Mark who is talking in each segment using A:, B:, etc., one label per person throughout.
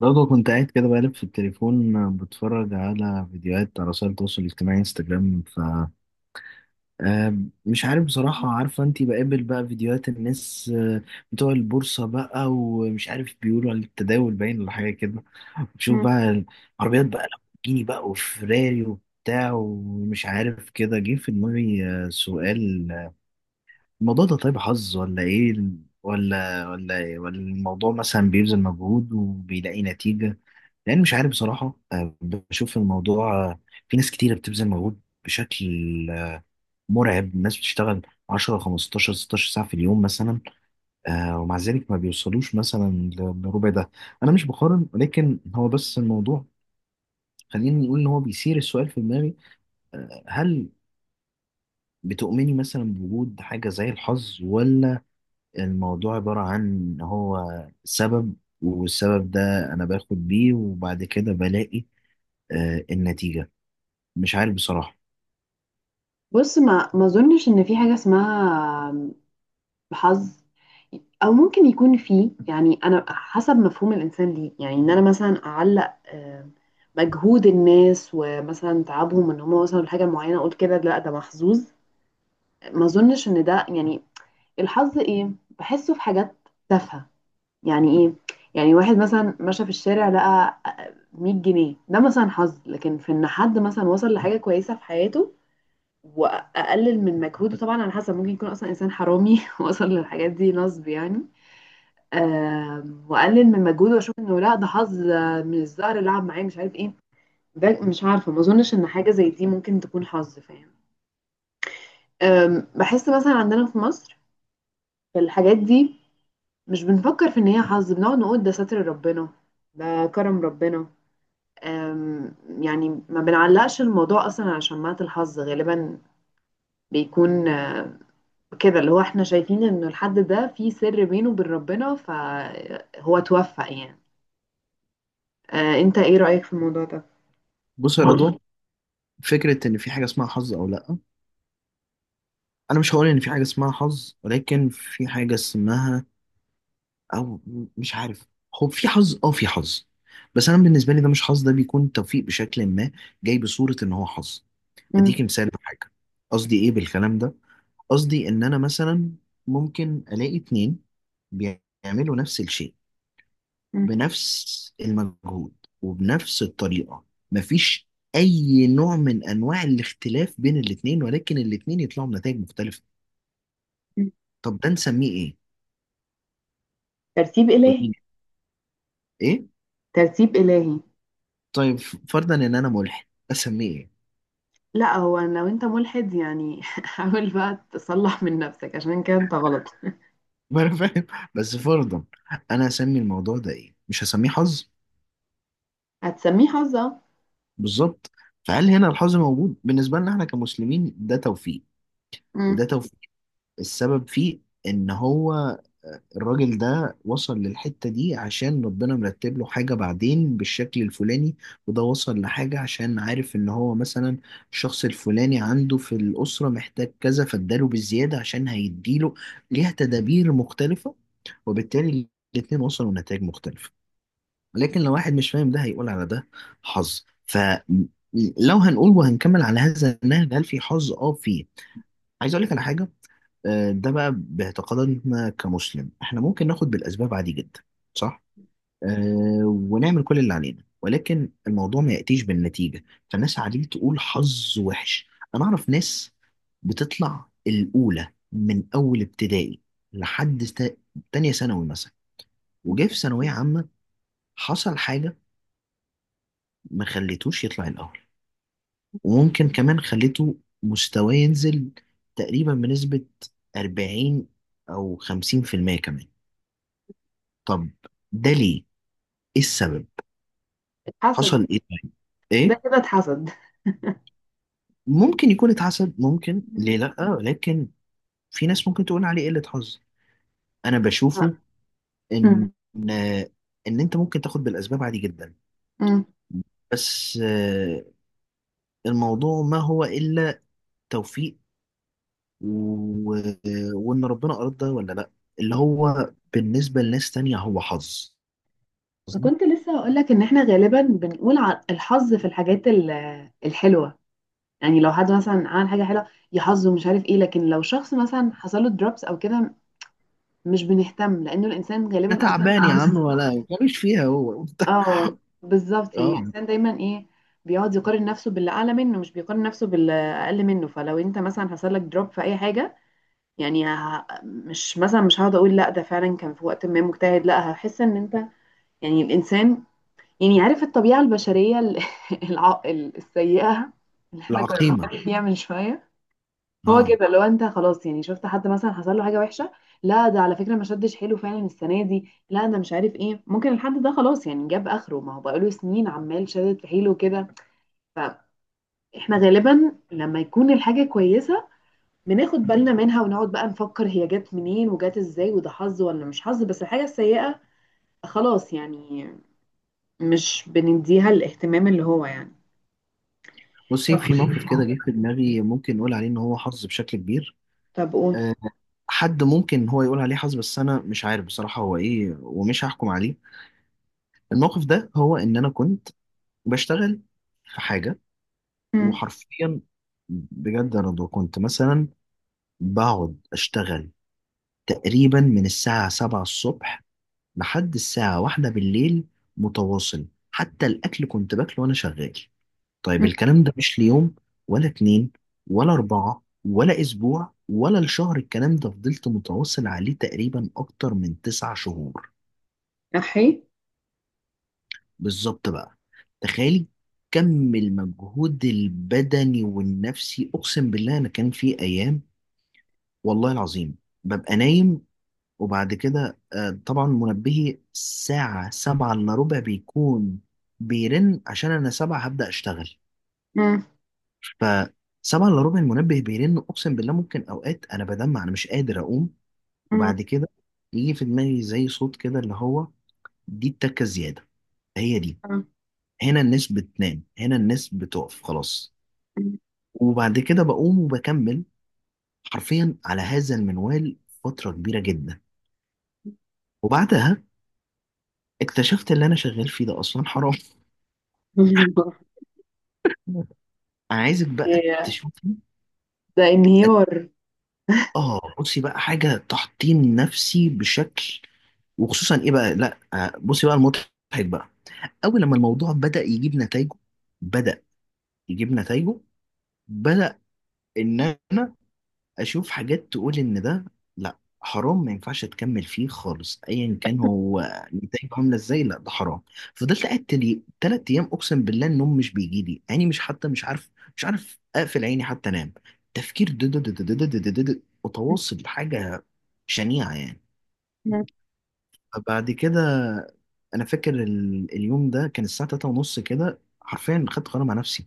A: برضه كنت قاعد كده بقلب في التليفون، بتفرج على فيديوهات على وسائل التواصل الاجتماعي، انستجرام. ف آه، مش عارف بصراحة. عارفة انتي، بقابل بقى فيديوهات الناس، بتوع البورصة بقى، ومش عارف بيقولوا على التداول باين ولا حاجة كده. بشوف
B: مم.
A: بقى العربيات بقى، لامبورجيني بقى وفراري وبتاع، ومش عارف كده، جه في دماغي سؤال: الموضوع ده طيب حظ ولا ايه؟ ولا إيه؟ ولا الموضوع مثلا بيبذل مجهود وبيلاقي نتيجة؟ لان مش عارف بصراحة. بشوف الموضوع، في ناس كتيرة بتبذل مجهود بشكل آه، مرعب. الناس بتشتغل 10 15 16 ساعة في اليوم مثلا، ومع ذلك ما بيوصلوش مثلا لربع ده. انا مش بقارن، ولكن هو بس الموضوع، خليني نقول ان هو بيثير السؤال في دماغي. هل بتؤمني مثلا بوجود حاجة زي الحظ، ولا الموضوع عبارة عن إن هو سبب، والسبب ده أنا باخد بيه وبعد كده بلاقي النتيجة؟ مش عارف بصراحة.
B: بص ما اظنش ان في حاجه اسمها حظ، او ممكن يكون في، يعني انا حسب مفهوم الانسان ليه، يعني ان انا مثلا اعلق مجهود الناس ومثلا تعبهم ان هم وصلوا لحاجه معينه اقول كده لا ده محظوظ. ما اظنش ان ده يعني. الحظ ايه؟ بحسه في حاجات تافهه. يعني ايه؟ يعني واحد مثلا مشى في الشارع لقى 100 جنيه، ده مثلا حظ، لكن في ان حد مثلا وصل لحاجه كويسه في حياته واقلل من مجهوده، طبعا على حسب، ممكن يكون اصلا انسان حرامي وصل للحاجات دي نصب يعني. واقلل من مجهوده واشوف انه لا ده حظ، من الزهر لعب معايا، مش عارف ايه. ده مش عارفه، ما اظنش ان حاجه زي دي ممكن تكون حظ، فاهم؟ بحس مثلا عندنا في مصر في الحاجات دي مش بنفكر في ان هي حظ، بنقعد نقول ده ستر ربنا، ده كرم ربنا. آم، يعني ما بنعلقش الموضوع اصلا على شماعة الحظ، غالبا بيكون كده، اللي هو احنا شايفين ان الحد ده في سر بينه وبين ربنا فهو توفق يعني. انت ايه رأيك في الموضوع ده؟
A: بص يا رضا، فكرة إن في حاجة اسمها حظ أو لأ. أنا مش هقول إن في حاجة اسمها حظ، ولكن في حاجة اسمها، أو مش عارف. هو في حظ، أه، في حظ، بس أنا بالنسبة لي، ده مش حظ، ده بيكون توفيق بشكل ما جاي بصورة إن هو حظ.
B: مم.
A: اديكي مثال لحاجه، قصدي ايه بالكلام ده. قصدي ان انا مثلا ممكن الاقي اتنين بيعملوا نفس الشيء،
B: مم.
A: بنفس المجهود وبنفس الطريقة، مفيش اي نوع من انواع الاختلاف بين الاتنين، ولكن الاتنين يطلعوا بنتائج مختلفة.
B: مم.
A: طب ده نسميه ايه؟
B: ترتيب إلهي.
A: ودي ايه؟
B: ترتيب إلهي.
A: طيب، فرضا ان انا ملحد، اسميه ايه؟
B: لا، هو لو انت ملحد يعني حاول بقى تصلح من نفسك، عشان كده انت غلط.
A: ما انا فاهم، بس فرضا، انا اسمي الموضوع ده ايه؟ مش هسميه حظ.
B: هتسميه حظة.
A: بالظبط. فهل هنا الحظ موجود؟ بالنسبة لنا احنا كمسلمين، ده توفيق.
B: مم.
A: وده توفيق، السبب فيه ان هو الراجل ده وصل للحتة دي عشان ربنا مرتب له حاجة بعدين بالشكل الفلاني، وده وصل لحاجة عشان عارف ان هو مثلا الشخص الفلاني عنده في الأسرة محتاج كذا، فاداله بالزيادة عشان هيديله ليها تدابير مختلفة، وبالتالي الاتنين وصلوا لنتائج مختلفة. لكن لو واحد مش فاهم ده، هيقول على ده حظ. فلو هنقول وهنكمل على هذا النهج، هل في حظ؟ اه، فيه. عايز اقول لك على حاجه. ده بقى باعتقادنا كمسلم، احنا ممكن ناخد بالاسباب عادي جدا، صح. ونعمل كل اللي علينا، ولكن الموضوع ما ياتيش بالنتيجه، فالناس عادي تقول حظ وحش. انا اعرف ناس بتطلع الاولى من اول ابتدائي لحد تانية ثانوي مثلا، وجه في ثانويه عامه حصل حاجه ما خليتوش يطلع الأول، وممكن كمان خليته مستواه ينزل تقريبا بنسبة 40 أو 50% كمان. طب، ده ليه؟ إيه السبب؟
B: حسد.
A: حصل إيه طيب؟
B: ده
A: إيه؟
B: كده اتحسد.
A: ممكن يكون اتحسد، ممكن، ليه
B: مم.
A: لأ، لكن في ناس ممكن تقول عليه قلة حظ. أنا بشوفه
B: مم.
A: إن إن أنت ممكن تاخد بالأسباب عادي جدا،
B: مم.
A: بس الموضوع ما هو إلا توفيق، و... وان ربنا اراد ده ولا لا، اللي هو بالنسبه لناس تانية هو حظ، قصدي.
B: كنت لسه هقول لك ان احنا غالبا بنقول الحظ في الحاجات الحلوة. يعني لو حد مثلا عمل حاجة حلوة، يا حظه مش عارف ايه، لكن لو شخص مثلا حصل له دروبس او كده مش بنهتم، لانه الانسان
A: ده
B: غالبا اصلا
A: تعبان، يا ممكن عم، ولا ملوش فيها هو.
B: اه. بالظبط، يعني
A: اه.
B: الانسان دايما ايه، بيقعد يقارن نفسه باللي اعلى منه مش بيقارن نفسه باللي اقل منه. فلو انت مثلا حصل لك دروب في اي حاجه، يعني مش مثلا مش هقعد اقول لا ده فعلا كان في وقت ما مجتهد، لا هحس ان انت، يعني الانسان، يعني عارف الطبيعه البشريه السيئه اللي احنا كنا
A: العقيمه.
B: بنتكلم فيها من شويه. هو
A: اه،
B: كده، لو انت خلاص يعني شفت حد مثلا حصل له حاجه وحشه، لا ده على فكره ما شدش حيله فعلا السنه دي، لا ده مش عارف ايه، ممكن الحد ده خلاص يعني جاب اخره، ما هو بقاله سنين عمال شدد في حيله كده. فاحنا غالبا لما يكون الحاجه كويسه بناخد بالنا منها ونقعد بقى نفكر هي جت منين وجت ازاي، وده حظ ولا مش حظ، بس الحاجه السيئه خلاص يعني مش بنديها الاهتمام اللي هو يعني.
A: بصي
B: طب
A: في موقف كده جه في دماغي ممكن نقول عليه ان هو حظ بشكل كبير.
B: طب قول.
A: آه، حد ممكن هو يقول عليه حظ، بس انا مش عارف بصراحه هو ايه، ومش هحكم عليه. الموقف ده، هو ان انا كنت بشتغل في حاجه،
B: مم.
A: وحرفيا بجد انا كنت مثلا بقعد اشتغل تقريبا من الساعة 7 الصبح لحد الساعة واحدة بالليل متواصل، حتى الأكل كنت باكله وأنا شغال. طيب،
B: مم.
A: الكلام ده مش ليوم ولا اتنين ولا أربعة ولا أسبوع ولا الشهر، الكلام ده فضلت متواصل عليه تقريبا أكتر من تسع شهور.
B: احي.
A: بالظبط بقى، تخيلي كم المجهود البدني والنفسي. أقسم بالله أنا كان في أيام، والله العظيم، ببقى نايم، وبعد كده طبعا منبهي الساعة سبعة إلا ربع بيكون بيرن، عشان أنا سبعة هبدأ أشتغل.
B: مم.
A: فسبعة إلا ربع المنبه بيرن، أقسم بالله ممكن أوقات أنا بدمع، أنا مش قادر أقوم.
B: مم.
A: وبعد كده يجي في دماغي زي صوت كده اللي هو: دي التكة زيادة، هي دي، هنا الناس بتنام، هنا الناس بتقف خلاص. وبعد كده بقوم وبكمل، حرفيا على هذا المنوال فترة كبيرة جدا. وبعدها اكتشفت اللي أنا شغال فيه ده أصلا حرام.
B: مم.
A: انا عايزك بقى
B: ياه،
A: تشوفي،
B: ده انهيار.
A: اه، بصي بقى، حاجه تحطيم نفسي بشكل. وخصوصا ايه بقى، لا بصي بقى المضحك بقى. اول لما الموضوع بدا يجيب نتائجه، بدا يجيب نتائجه بدا ان انا اشوف حاجات تقول ان ده لا، حرام، ما ينفعش تكمل فيه خالص، ايا كان هو نتائجه عامله ازاي، لا ده حرام. فضلت قاعد تلي تلات ايام، اقسم بالله النوم مش بيجي لي عيني، مش عارف اقفل عيني حتى انام. تفكير متواصل، حاجه شنيعه يعني.
B: مم.
A: فبعد كده انا فاكر اليوم ده كان الساعه 3 ونص كده، حرفيا خدت قرار مع نفسي،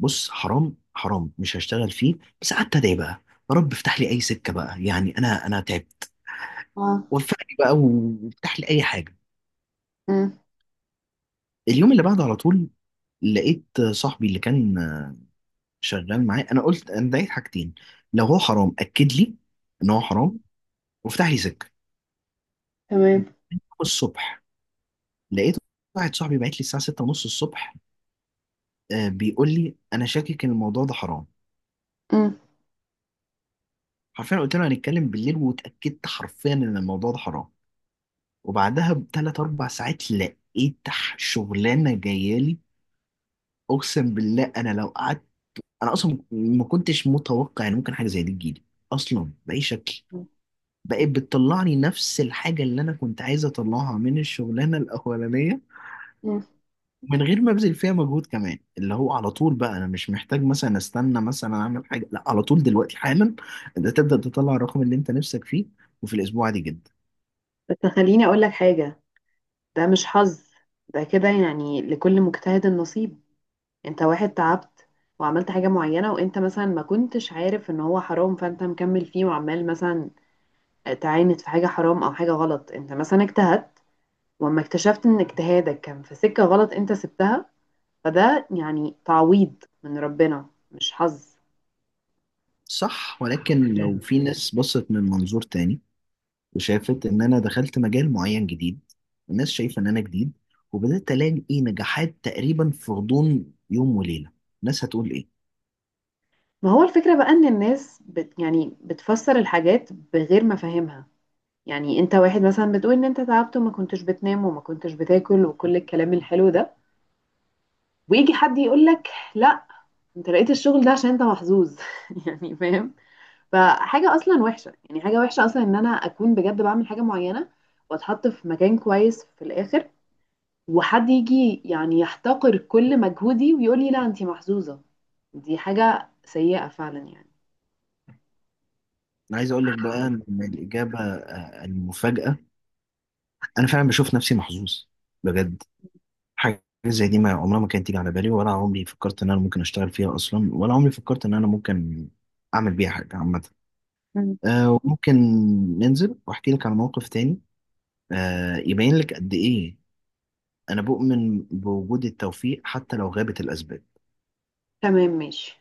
A: بص حرام، حرام، مش هشتغل فيه. بس قعدت ادعي بقى، يا رب افتح لي اي سكه بقى، يعني انا تعبت،
B: اه.
A: وفقني بقى وافتح لي اي حاجه.
B: مم.
A: اليوم اللي بعده على طول لقيت صاحبي اللي كان شغال معايا، انا قلت انا دعيت حاجتين: لو هو حرام اكد لي ان هو حرام، وافتح لي سكه.
B: تمام.
A: الصبح لقيت واحد صاحبي بعت لي الساعه 6 ونص الصبح، بيقول لي انا شاكك ان الموضوع ده حرام.
B: مم.
A: حرفيا قلت له هنتكلم بالليل، واتاكدت حرفيا ان الموضوع ده حرام. وبعدها بثلاث اربع ساعات لقيت شغلانه جايه لي. اقسم بالله انا لو قعدت، انا اصلا ما كنتش متوقع ان ممكن حاجه زي دي تجيلي اصلا باي شكل. بقت بتطلعني نفس الحاجه اللي انا كنت عايز اطلعها من الشغلانه الاولانيه،
B: مم.
A: من غير ما ابذل فيها مجهود كمان. اللي هو على طول بقى، انا مش محتاج مثلا استنى مثلا اعمل حاجه، لا، على طول دلوقتي حالا انت تبدا تطلع الرقم اللي انت نفسك فيه، وفي الاسبوع عادي جدا.
B: بس خليني اقول لك حاجة، ده مش حظ، ده كده يعني لكل مجتهد النصيب. انت واحد تعبت وعملت حاجة معينة وانت مثلا ما كنتش عارف ان هو حرام فانت مكمل فيه وعمال مثلا تعاند في حاجة حرام او حاجة غلط، انت مثلا اجتهدت، واما اكتشفت ان اجتهادك كان في سكة غلط انت سبتها، فده يعني تعويض من ربنا مش حظ.
A: صح، ولكن لو في ناس بصت من منظور تاني وشافت ان انا دخلت مجال معين جديد، الناس شايفه ان انا جديد، وبدات الاقي نجاحات تقريبا في غضون يوم وليله، الناس هتقول ايه؟
B: ما هو الفكرة بقى ان الناس يعني بتفسر الحاجات بغير ما فاهمها، يعني انت واحد مثلا بتقول ان انت تعبت وما كنتش بتنام وما كنتش بتاكل وكل الكلام الحلو ده، ويجي حد يقول لك لا، انت لقيت الشغل ده عشان انت محظوظ يعني، فاهم؟ فحاجة اصلا وحشة، يعني حاجة وحشة اصلا ان انا اكون بجد بعمل حاجة معينة واتحط في مكان كويس في الاخر، وحد يجي يعني يحتقر كل مجهودي ويقول لي لا، انت محظوظة. دي حاجة سيئة فعلا يعني.
A: انا عايز اقول لك بقى ان الاجابه، المفاجاه، انا فعلا بشوف نفسي محظوظ بجد. حاجه زي دي ما عمرها ما كانت تيجي على بالي، ولا عمري فكرت ان انا ممكن اشتغل فيها اصلا، ولا عمري فكرت ان انا ممكن اعمل بيها حاجه عامه.
B: مم.
A: وممكن ننزل واحكي لك عن موقف تاني، يبين لك قد ايه أنا بؤمن بوجود التوفيق حتى لو غابت الأسباب.
B: تمام ماشي.